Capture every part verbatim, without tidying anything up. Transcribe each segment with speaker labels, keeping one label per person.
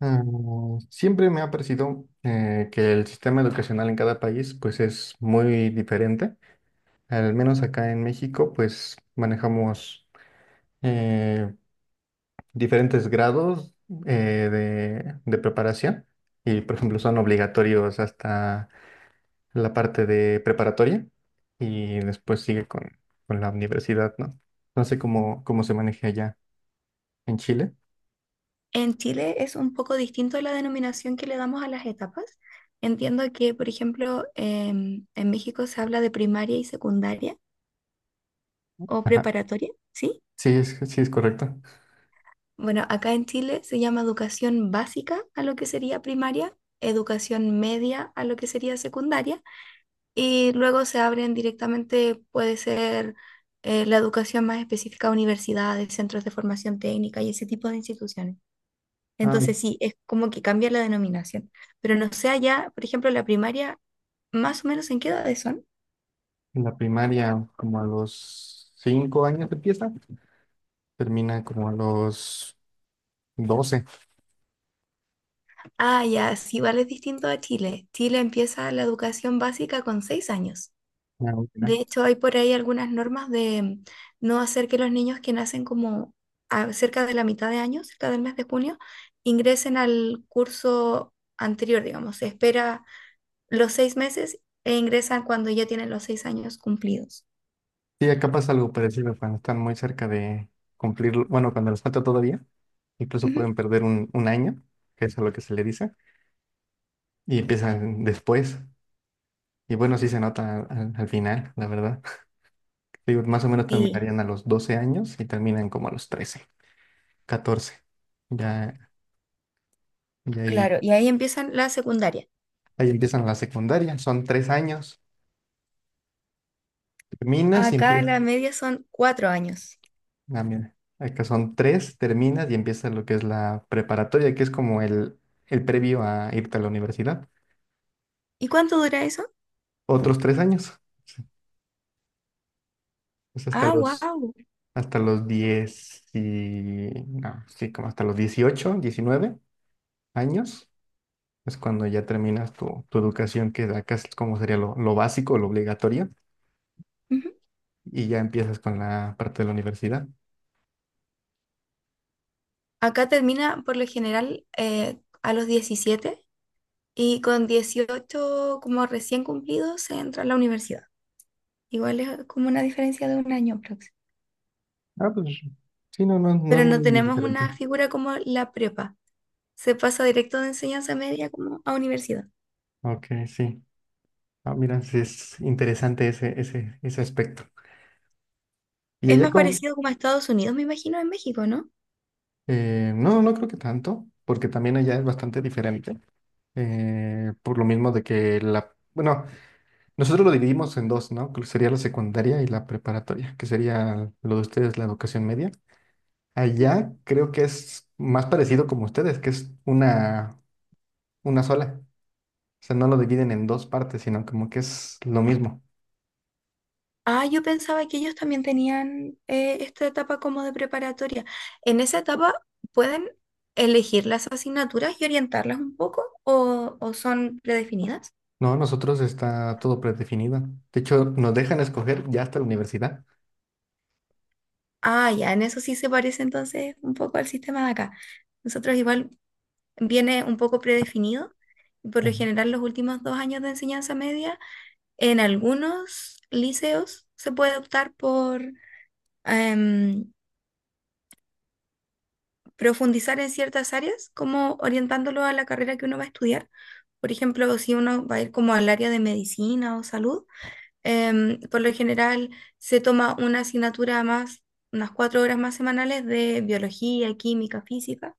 Speaker 1: Ah, Siempre me ha parecido eh, que el sistema educacional en cada país pues es muy diferente. Al menos acá en México pues manejamos eh, diferentes grados eh, de, de preparación y por ejemplo son obligatorios hasta la parte de preparatoria y después sigue con, con la universidad, ¿no? No sé cómo, cómo se maneja allá en Chile.
Speaker 2: En Chile es un poco distinto la denominación que le damos a las etapas. Entiendo que, por ejemplo, em, en México se habla de primaria y secundaria o preparatoria, ¿sí?
Speaker 1: Sí, es, sí es correcto.
Speaker 2: Bueno, acá en Chile se llama educación básica a lo que sería primaria, educación media a lo que sería secundaria, y luego se abren directamente, puede ser eh, la educación más específica a universidades, centros de formación técnica y ese tipo de instituciones.
Speaker 1: Ah,
Speaker 2: Entonces sí, es como que cambia la denominación. Pero no sé allá, por ejemplo, la primaria, más o menos en qué edades son.
Speaker 1: en la primaria, como a los cinco años empieza, termina como a los doce.
Speaker 2: Ah, ya, sí, vale, es distinto a Chile. Chile empieza la educación básica con seis años.
Speaker 1: Ya,
Speaker 2: De
Speaker 1: ya.
Speaker 2: hecho, hay por ahí algunas normas de mm, no hacer que los niños que nacen como a- cerca de la mitad de año, cerca del mes de junio, ingresen al curso anterior, digamos. Se espera los seis meses e ingresan cuando ya tienen los seis años cumplidos.
Speaker 1: Sí, acá pasa algo parecido cuando están muy cerca de cumplir, bueno, cuando les falta todavía, incluso
Speaker 2: Ujú.
Speaker 1: pueden perder un, un año, que es a lo que se le dice, y empiezan después. Y bueno, sí se nota al, al final, la verdad. Digo, más o menos
Speaker 2: Sí,
Speaker 1: terminarían a los doce años y terminan como a los trece, catorce. Ya, y ahí,
Speaker 2: claro, y ahí empiezan la secundaria.
Speaker 1: ahí empiezan la secundaria, son tres años. Terminas y
Speaker 2: Acá
Speaker 1: empiezas.
Speaker 2: la media son cuatro años.
Speaker 1: Ah, mira, acá son tres, terminas y empieza lo que es la preparatoria, que es como el, el previo a irte a la universidad.
Speaker 2: ¿Y cuánto dura eso?
Speaker 1: Otros tres años, sí, es hasta
Speaker 2: Ah,
Speaker 1: los,
Speaker 2: wow.
Speaker 1: hasta los diez y, no, sí, como hasta los dieciocho diecinueve años, es cuando ya terminas tu, tu educación, que acá es como sería lo, lo básico, lo obligatorio, y ya empiezas con la parte de la universidad.
Speaker 2: Acá termina por lo general eh, a los diecisiete y con dieciocho como recién cumplidos se entra a la universidad. Igual es como una diferencia de un año próximo.
Speaker 1: Ah, pues sí, no, no, no es
Speaker 2: Pero no
Speaker 1: muy
Speaker 2: tenemos
Speaker 1: diferente.
Speaker 2: una figura como la prepa. Se pasa directo de enseñanza media como a universidad.
Speaker 1: Ok, sí. Ah, mira, sí es interesante ese, ese, ese aspecto. ¿Y
Speaker 2: Es
Speaker 1: allá
Speaker 2: más
Speaker 1: cómo?
Speaker 2: parecido como a Estados Unidos, me imagino, en México, ¿no?
Speaker 1: Eh, no, no creo que tanto, porque también allá es bastante diferente. Eh, por lo mismo de que, la... bueno, nosotros lo dividimos en dos, ¿no? Que sería la secundaria y la preparatoria, que sería lo de ustedes, la educación media. Allá creo que es más parecido como ustedes, que es una, una sola. O sea, no lo dividen en dos partes, sino como que es lo mismo.
Speaker 2: Ah, yo pensaba que ellos también tenían eh, esta etapa como de preparatoria. En esa etapa pueden elegir las asignaturas y orientarlas un poco o, o son predefinidas.
Speaker 1: No, nosotros está todo predefinido. De hecho, nos dejan escoger ya hasta la universidad.
Speaker 2: Ah, ya, en eso sí se parece entonces un poco al sistema de acá. Nosotros igual viene un poco predefinido y por lo
Speaker 1: Ujú.
Speaker 2: general los últimos dos años de enseñanza media en algunos liceos se puede optar por, em, profundizar en ciertas áreas, como orientándolo a la carrera que uno va a estudiar. Por ejemplo, si uno va a ir como al área de medicina o salud, em, por lo general se toma una asignatura más, unas cuatro horas más semanales de biología, química, física.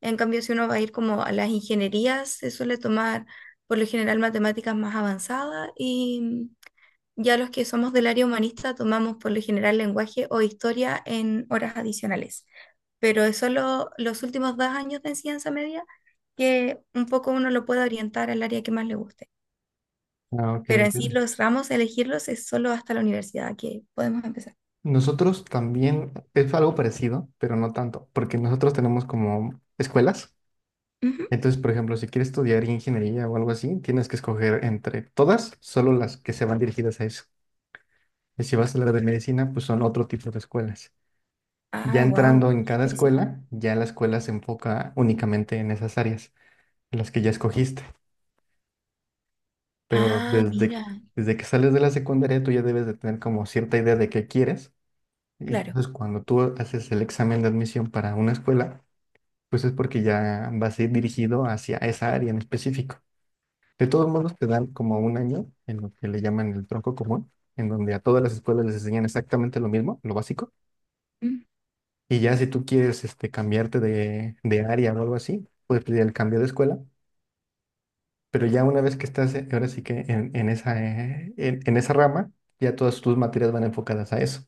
Speaker 2: En cambio, si uno va a ir como a las ingenierías, se suele tomar por lo general matemáticas más avanzadas y ya los que somos del área humanista tomamos por lo general lenguaje o historia en horas adicionales, pero es solo los últimos dos años de enseñanza media que un poco uno lo puede orientar al área que más le guste.
Speaker 1: Ah, ok.
Speaker 2: Pero en sí
Speaker 1: Entiendo.
Speaker 2: los ramos, elegirlos es solo hasta la universidad que podemos empezar.
Speaker 1: Nosotros también es algo parecido, pero no tanto, porque nosotros tenemos como escuelas.
Speaker 2: Ujú.
Speaker 1: Entonces, por ejemplo, si quieres estudiar ingeniería o algo así, tienes que escoger entre todas, solo las que se van dirigidas a eso. Y si vas a hablar de medicina, pues son otro tipo de escuelas. Ya
Speaker 2: Ah, wow,
Speaker 1: entrando en cada
Speaker 2: específico.
Speaker 1: escuela, ya la escuela se enfoca únicamente en esas áreas, en las que ya escogiste. Pero
Speaker 2: Ah,
Speaker 1: desde,
Speaker 2: mira,
Speaker 1: desde que sales de la secundaria tú ya debes de tener como cierta idea de qué quieres. Y
Speaker 2: claro.
Speaker 1: entonces cuando tú haces el examen de admisión para una escuela, pues es porque ya vas a ir dirigido hacia esa área en específico. De todos modos te dan como un año en lo que le llaman el tronco común, en donde a todas las escuelas les enseñan exactamente lo mismo, lo básico.
Speaker 2: Mm.
Speaker 1: Y ya si tú quieres este, cambiarte de, de área o algo así, puedes pedir el cambio de escuela. Pero ya una vez que estás, eh, ahora sí que en, en esa, eh, en, en esa rama, ya todas tus materias van enfocadas a eso.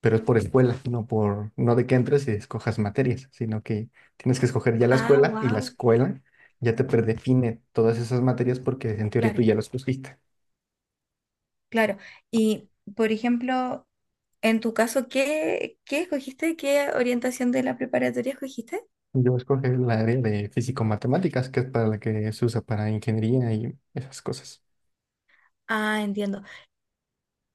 Speaker 1: Pero es por escuela, no por, no de que entres y escojas materias, sino que tienes que escoger ya la
Speaker 2: Ah,
Speaker 1: escuela y la
Speaker 2: wow,
Speaker 1: escuela ya te predefine todas esas materias porque en teoría tú
Speaker 2: claro,
Speaker 1: ya las escogiste.
Speaker 2: claro. Y, por ejemplo, en tu caso, ¿qué, qué escogiste? ¿Qué orientación de la preparatoria escogiste?
Speaker 1: Yo escogí el área de físico-matemáticas, que es para la que se usa para ingeniería y esas cosas.
Speaker 2: Ah, entiendo.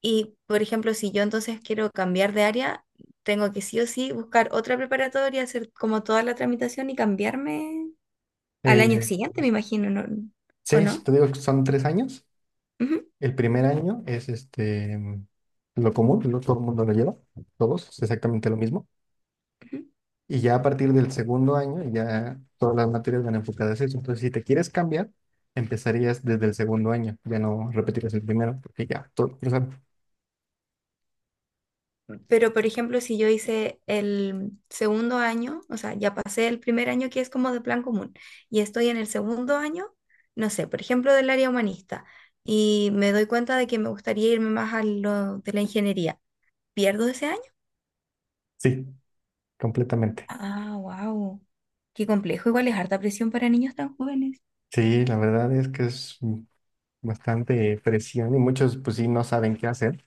Speaker 2: Y, por ejemplo, si yo entonces quiero cambiar de área, tengo que sí o sí buscar otra preparatoria, hacer como toda la tramitación y cambiarme al
Speaker 1: Eh,
Speaker 2: año siguiente, me
Speaker 1: pues,
Speaker 2: imagino, ¿no?
Speaker 1: sí,
Speaker 2: ¿O no?
Speaker 1: te digo que son tres años.
Speaker 2: Ujú,
Speaker 1: El primer año es este, lo común, lo- todo el mundo lo lleva, todos, es exactamente lo mismo.
Speaker 2: ujú.
Speaker 1: Y ya a partir del segundo año, ya todas las materias van enfocadas a eso. Entonces, si te quieres cambiar, empezarías desde el segundo año, ya no repetirás el primero, porque ya todo, o sea,
Speaker 2: Pero, por ejemplo, si yo hice el segundo año, o sea, ya pasé el primer año que es como de plan común, y estoy en el segundo año, no sé, por ejemplo, del área humanista, y me doy cuenta de que me gustaría irme más a lo de la ingeniería, ¿pierdo ese año?
Speaker 1: sí, completamente.
Speaker 2: Ah, wow. Qué complejo. Igual es harta presión para niños tan jóvenes.
Speaker 1: Sí, la verdad es que es mm, bastante presión y muchos, pues sí, no saben qué hacer.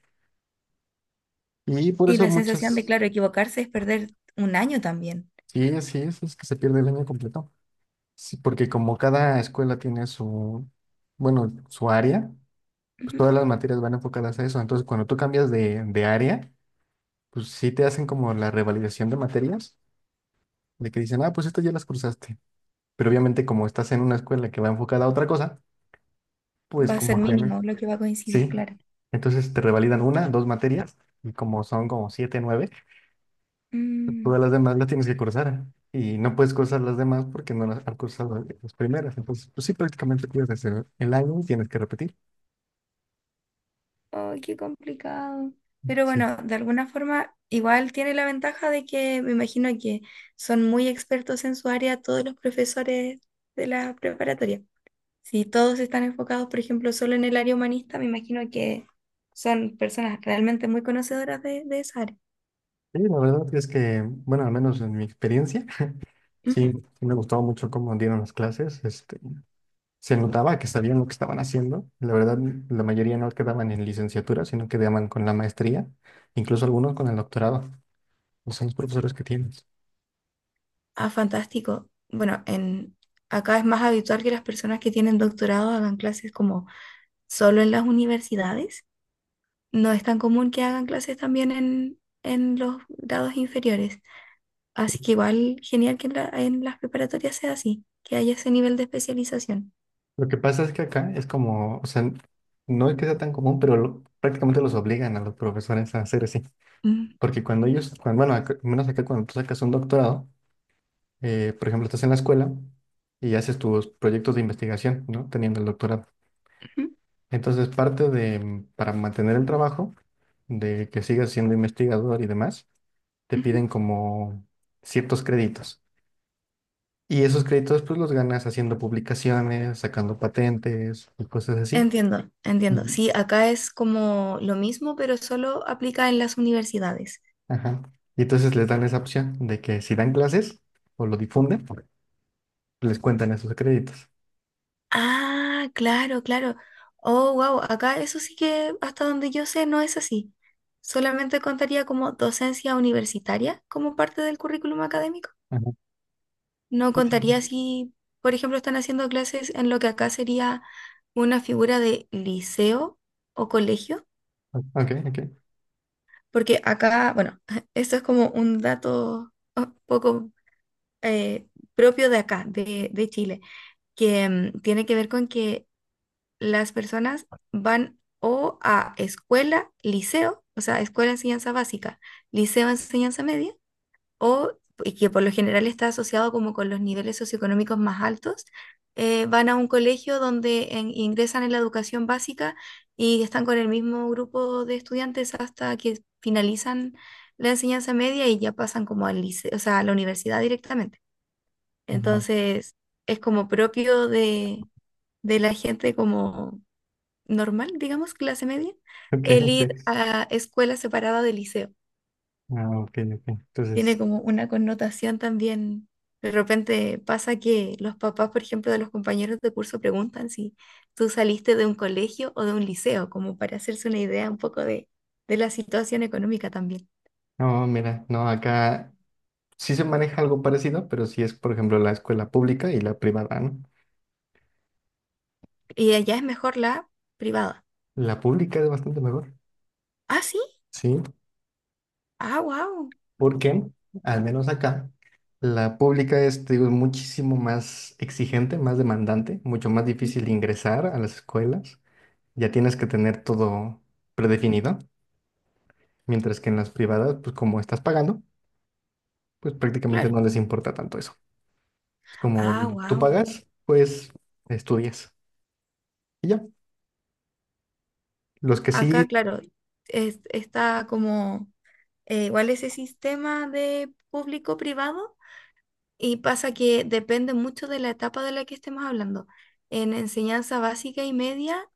Speaker 1: Y por
Speaker 2: Y
Speaker 1: eso
Speaker 2: la sensación de,
Speaker 1: muchos,
Speaker 2: claro, equivocarse es perder un año también.
Speaker 1: sí, así es, es que se pierde el año completo. Sí, porque como cada escuela tiene su, bueno, su área, pues
Speaker 2: Ujú.
Speaker 1: todas las materias van enfocadas a eso. Entonces, cuando tú cambias de, de área, pues sí te hacen como la revalidación de materias, de que dicen, ah, pues estas ya las cruzaste. Pero obviamente como estás en una escuela que va enfocada a otra cosa, pues
Speaker 2: Va a ser
Speaker 1: como que no.
Speaker 2: mínimo lo que va a coincidir,
Speaker 1: Sí.
Speaker 2: claro.
Speaker 1: Entonces te revalidan una, dos materias, y como son como siete, nueve, todas
Speaker 2: Mm,
Speaker 1: las demás las tienes que cursar. Y no puedes cursar las demás porque no las has cursado las primeras. Entonces, pues sí, prácticamente pierdes el el año y tienes que repetir.
Speaker 2: ay, qué complicado. Pero
Speaker 1: Sí,
Speaker 2: bueno, de alguna forma, igual tiene la ventaja de que me imagino que son muy expertos en su área todos los profesores de la preparatoria. Si todos están enfocados, por ejemplo, solo en el área humanista, me imagino que son personas realmente muy conocedoras de, de esa área.
Speaker 1: sí, la verdad es que, bueno, al menos en mi experiencia, sí, sí me gustaba mucho cómo dieron las clases. Este, se notaba que sabían lo que estaban haciendo. La verdad, la mayoría no quedaban en licenciatura, sino quedaban con la maestría, incluso algunos con el doctorado. O sea, los profesores que tienes.
Speaker 2: Ah, fantástico. Bueno, en, acá es más habitual que las personas que tienen doctorado hagan clases como solo en las universidades. No es tan común que hagan clases también en, en los grados inferiores. Así que igual genial que en, la- en las preparatorias sea así, que haya ese nivel de especialización.
Speaker 1: Lo que pasa es que acá es como, o sea, no es que sea tan común, pero lo- prácticamente los obligan a los profesores a hacer así.
Speaker 2: Mm,
Speaker 1: Porque cuando ellos, cuando, bueno, acá- al menos acá cuando tú sacas un doctorado, eh, por ejemplo, estás en la escuela y haces tus proyectos de investigación, ¿no? Teniendo el doctorado.
Speaker 2: ujú,
Speaker 1: Entonces, parte de, mm, para mantener el trabajo, de que sigas siendo investigador y demás, te
Speaker 2: ujú.
Speaker 1: piden como ciertos créditos. Y esos créditos, pues los ganas haciendo publicaciones, sacando patentes y cosas así.
Speaker 2: Entiendo, entiendo.
Speaker 1: Ujú.
Speaker 2: Sí, acá es como lo mismo, pero solo aplica en las universidades.
Speaker 1: Ajá. Y entonces les dan esa opción de que si dan clases o lo difunden, les cuentan esos créditos.
Speaker 2: Ah, claro, claro. Oh, wow, acá eso sí que hasta donde yo sé no es así. Solamente contaría como docencia universitaria como parte del currículum académico.
Speaker 1: Ajá.
Speaker 2: No
Speaker 1: Sí, sí,
Speaker 2: contaría
Speaker 1: sí.
Speaker 2: si, por ejemplo, están haciendo clases en lo que acá sería una figura de liceo o colegio,
Speaker 1: Ok, ok.
Speaker 2: porque acá, bueno, esto es como un dato un poco eh, propio de acá, de, de Chile, que mm, tiene que ver con que las personas van o a escuela, liceo, o sea, escuela enseñanza básica, liceo enseñanza media, o, y que por lo general está asociado como con los niveles socioeconómicos más altos, eh, van a un colegio donde en- ingresan en la educación básica y están con el mismo grupo de estudiantes hasta que finalizan la enseñanza media y ya pasan como al liceo, o sea, a la universidad directamente.
Speaker 1: Ajá.
Speaker 2: Entonces, es como propio de, de la gente como normal, digamos, clase media,
Speaker 1: Ok,
Speaker 2: el
Speaker 1: sí.
Speaker 2: ir a escuela separada de liceo.
Speaker 1: Ah, ok, ok.
Speaker 2: Tiene
Speaker 1: Entonces,
Speaker 2: como una connotación también. De repente pasa que los papás, por ejemplo, de los compañeros de curso preguntan si tú saliste de un colegio o de un liceo, como para hacerse una idea un poco de, de la situación económica también.
Speaker 1: no, mira, no, acá sí se maneja algo parecido, pero sí es, por ejemplo, la escuela pública y la privada, ¿no?
Speaker 2: Y allá es mejor la privada.
Speaker 1: La pública es bastante mejor,
Speaker 2: Ah, sí.
Speaker 1: ¿sí?
Speaker 2: Ah, wow.
Speaker 1: Porque, al menos acá, la pública es, te digo, muchísimo más exigente, más demandante, mucho más difícil ingresar a las escuelas. Ya tienes que tener todo predefinido, mientras que en las privadas, pues como estás pagando, pues prácticamente
Speaker 2: Claro.
Speaker 1: no les importa tanto eso. Es
Speaker 2: Ah,
Speaker 1: como tú
Speaker 2: wow.
Speaker 1: pagas, pues estudias. Y ya, los que
Speaker 2: Acá,
Speaker 1: sí,
Speaker 2: claro, es- está como eh, igual ese sistema de público-privado y pasa que depende mucho de la etapa de la que estemos hablando. En enseñanza básica y media,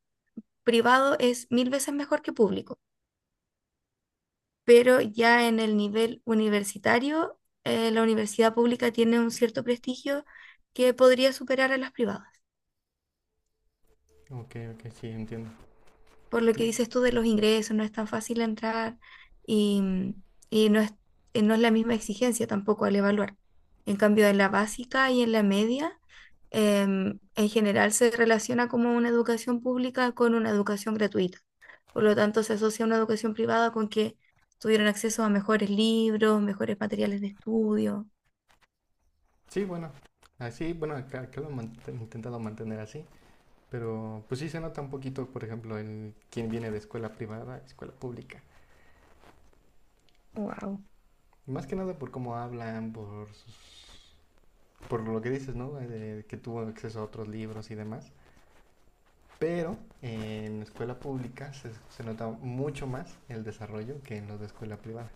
Speaker 2: privado es mil veces mejor que público, pero ya en el nivel universitario, eh, la universidad pública tiene un cierto prestigio que podría superar a las privadas.
Speaker 1: ok, ok, sí, entiendo.
Speaker 2: Por lo que
Speaker 1: Y-
Speaker 2: dices tú de los ingresos, no es tan fácil entrar y, mm, y no es, eh, no es la misma exigencia tampoco al evaluar. En cambio, en la básica y en la media, em, en general se relaciona como una educación pública con una educación gratuita. Por lo tanto, se asocia una educación privada con que tuvieron acceso a mejores libros, mejores materiales de estudio.
Speaker 1: sí, bueno, así, bueno, acá, acá lo he mant- intentado mantener así, pero pues sí se nota un poquito, por ejemplo, el quién viene de escuela privada, a escuela pública.
Speaker 2: Wow,
Speaker 1: Y más que nada por cómo hablan, por, sus- por lo que dices, ¿no? De que tuvo acceso a otros libros y demás. Pero en escuela pública se, se nota mucho más el desarrollo que en los de escuela privada.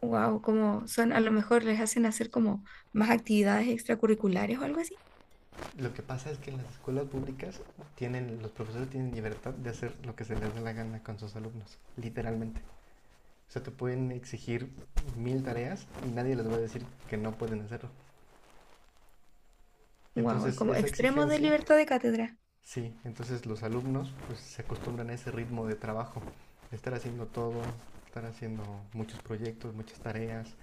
Speaker 2: wow, como son, a lo mejor les hacen hacer como más actividades extracurriculares o algo así.
Speaker 1: Lo que pasa es que en las escuelas públicas tienen, los profesores tienen libertad de hacer lo que se les dé la gana con sus alumnos, literalmente. O sea, te pueden exigir mil tareas y nadie les va a decir que no pueden hacerlo.
Speaker 2: Wow, es
Speaker 1: Entonces,
Speaker 2: como
Speaker 1: esa
Speaker 2: extremos de
Speaker 1: exigencia,
Speaker 2: libertad de cátedra.
Speaker 1: sí, entonces los alumnos pues, se acostumbran a ese ritmo de trabajo, de estar haciendo todo, estar haciendo muchos proyectos, muchas tareas,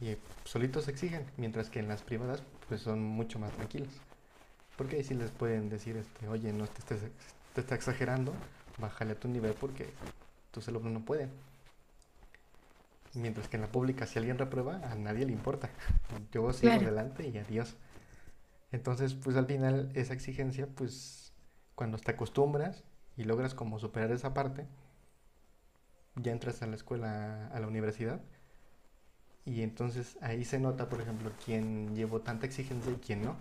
Speaker 1: y eh, solitos se exigen, mientras que en las privadas pues son mucho más tranquilos. Porque ahí sí les pueden decir, este, oye, no te estés te está exagerando, bájale a tu nivel porque tus alumnos no pueden. Mientras que en la pública, si alguien reprueba, a nadie le importa. Yo sigo
Speaker 2: Claro,
Speaker 1: adelante y adiós. Entonces, pues al final esa exigencia, pues cuando te acostumbras y logras como superar esa parte, ya entras a la escuela, a la universidad, y entonces ahí se nota, por ejemplo, quién llevó tanta exigencia y quién no.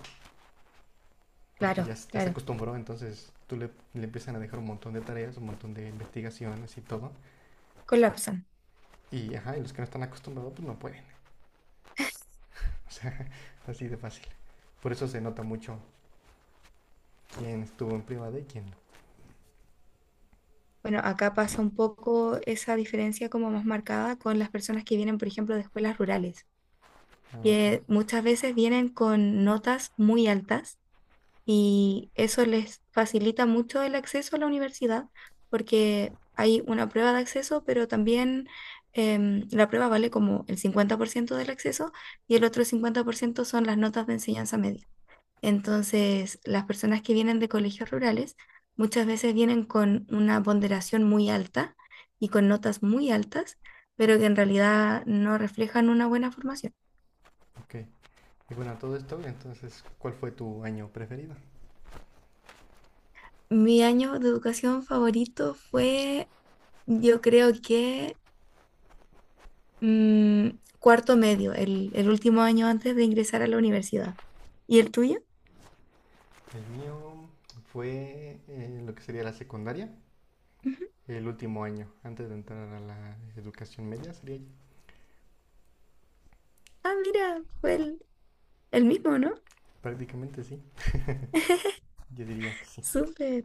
Speaker 1: Porque ya,
Speaker 2: claro,
Speaker 1: ya se
Speaker 2: claro.
Speaker 1: acostumbró, entonces tú le, le empiezan a dejar un montón de tareas, un montón de investigaciones y todo.
Speaker 2: Colapsan.
Speaker 1: Y, ajá, y los que no están acostumbrados, pues no pueden. O sea, así de fácil. Por eso se nota mucho quién estuvo en privada y quién no.
Speaker 2: Bueno, acá pasa un poco esa diferencia como más marcada con las personas que vienen, por ejemplo, de escuelas rurales,
Speaker 1: Ah, ok,
Speaker 2: que muchas veces vienen con notas muy altas y eso les facilita mucho el acceso a la universidad porque hay una prueba de acceso, pero también em, la prueba vale como el cincuenta por ciento del acceso y el otro cincuenta por ciento son las notas de enseñanza media. Entonces, las personas que vienen de colegios rurales muchas veces vienen con una ponderación muy alta y con notas muy altas, pero que en realidad no reflejan una buena formación.
Speaker 1: ok. Y bueno, todo esto, entonces, ¿cuál fue tu año preferido?
Speaker 2: Mi año de educación favorito fue, yo creo que mm, cuarto medio, el, el último año antes de ingresar a la universidad. ¿Y el tuyo?
Speaker 1: El mío fue eh, lo que sería la secundaria,
Speaker 2: Ujú.
Speaker 1: el último año, antes de entrar a la educación media, sería
Speaker 2: Ah, mira, fue el, el mismo, ¿no?
Speaker 1: prácticamente sí, yo diría que sí.
Speaker 2: Súper.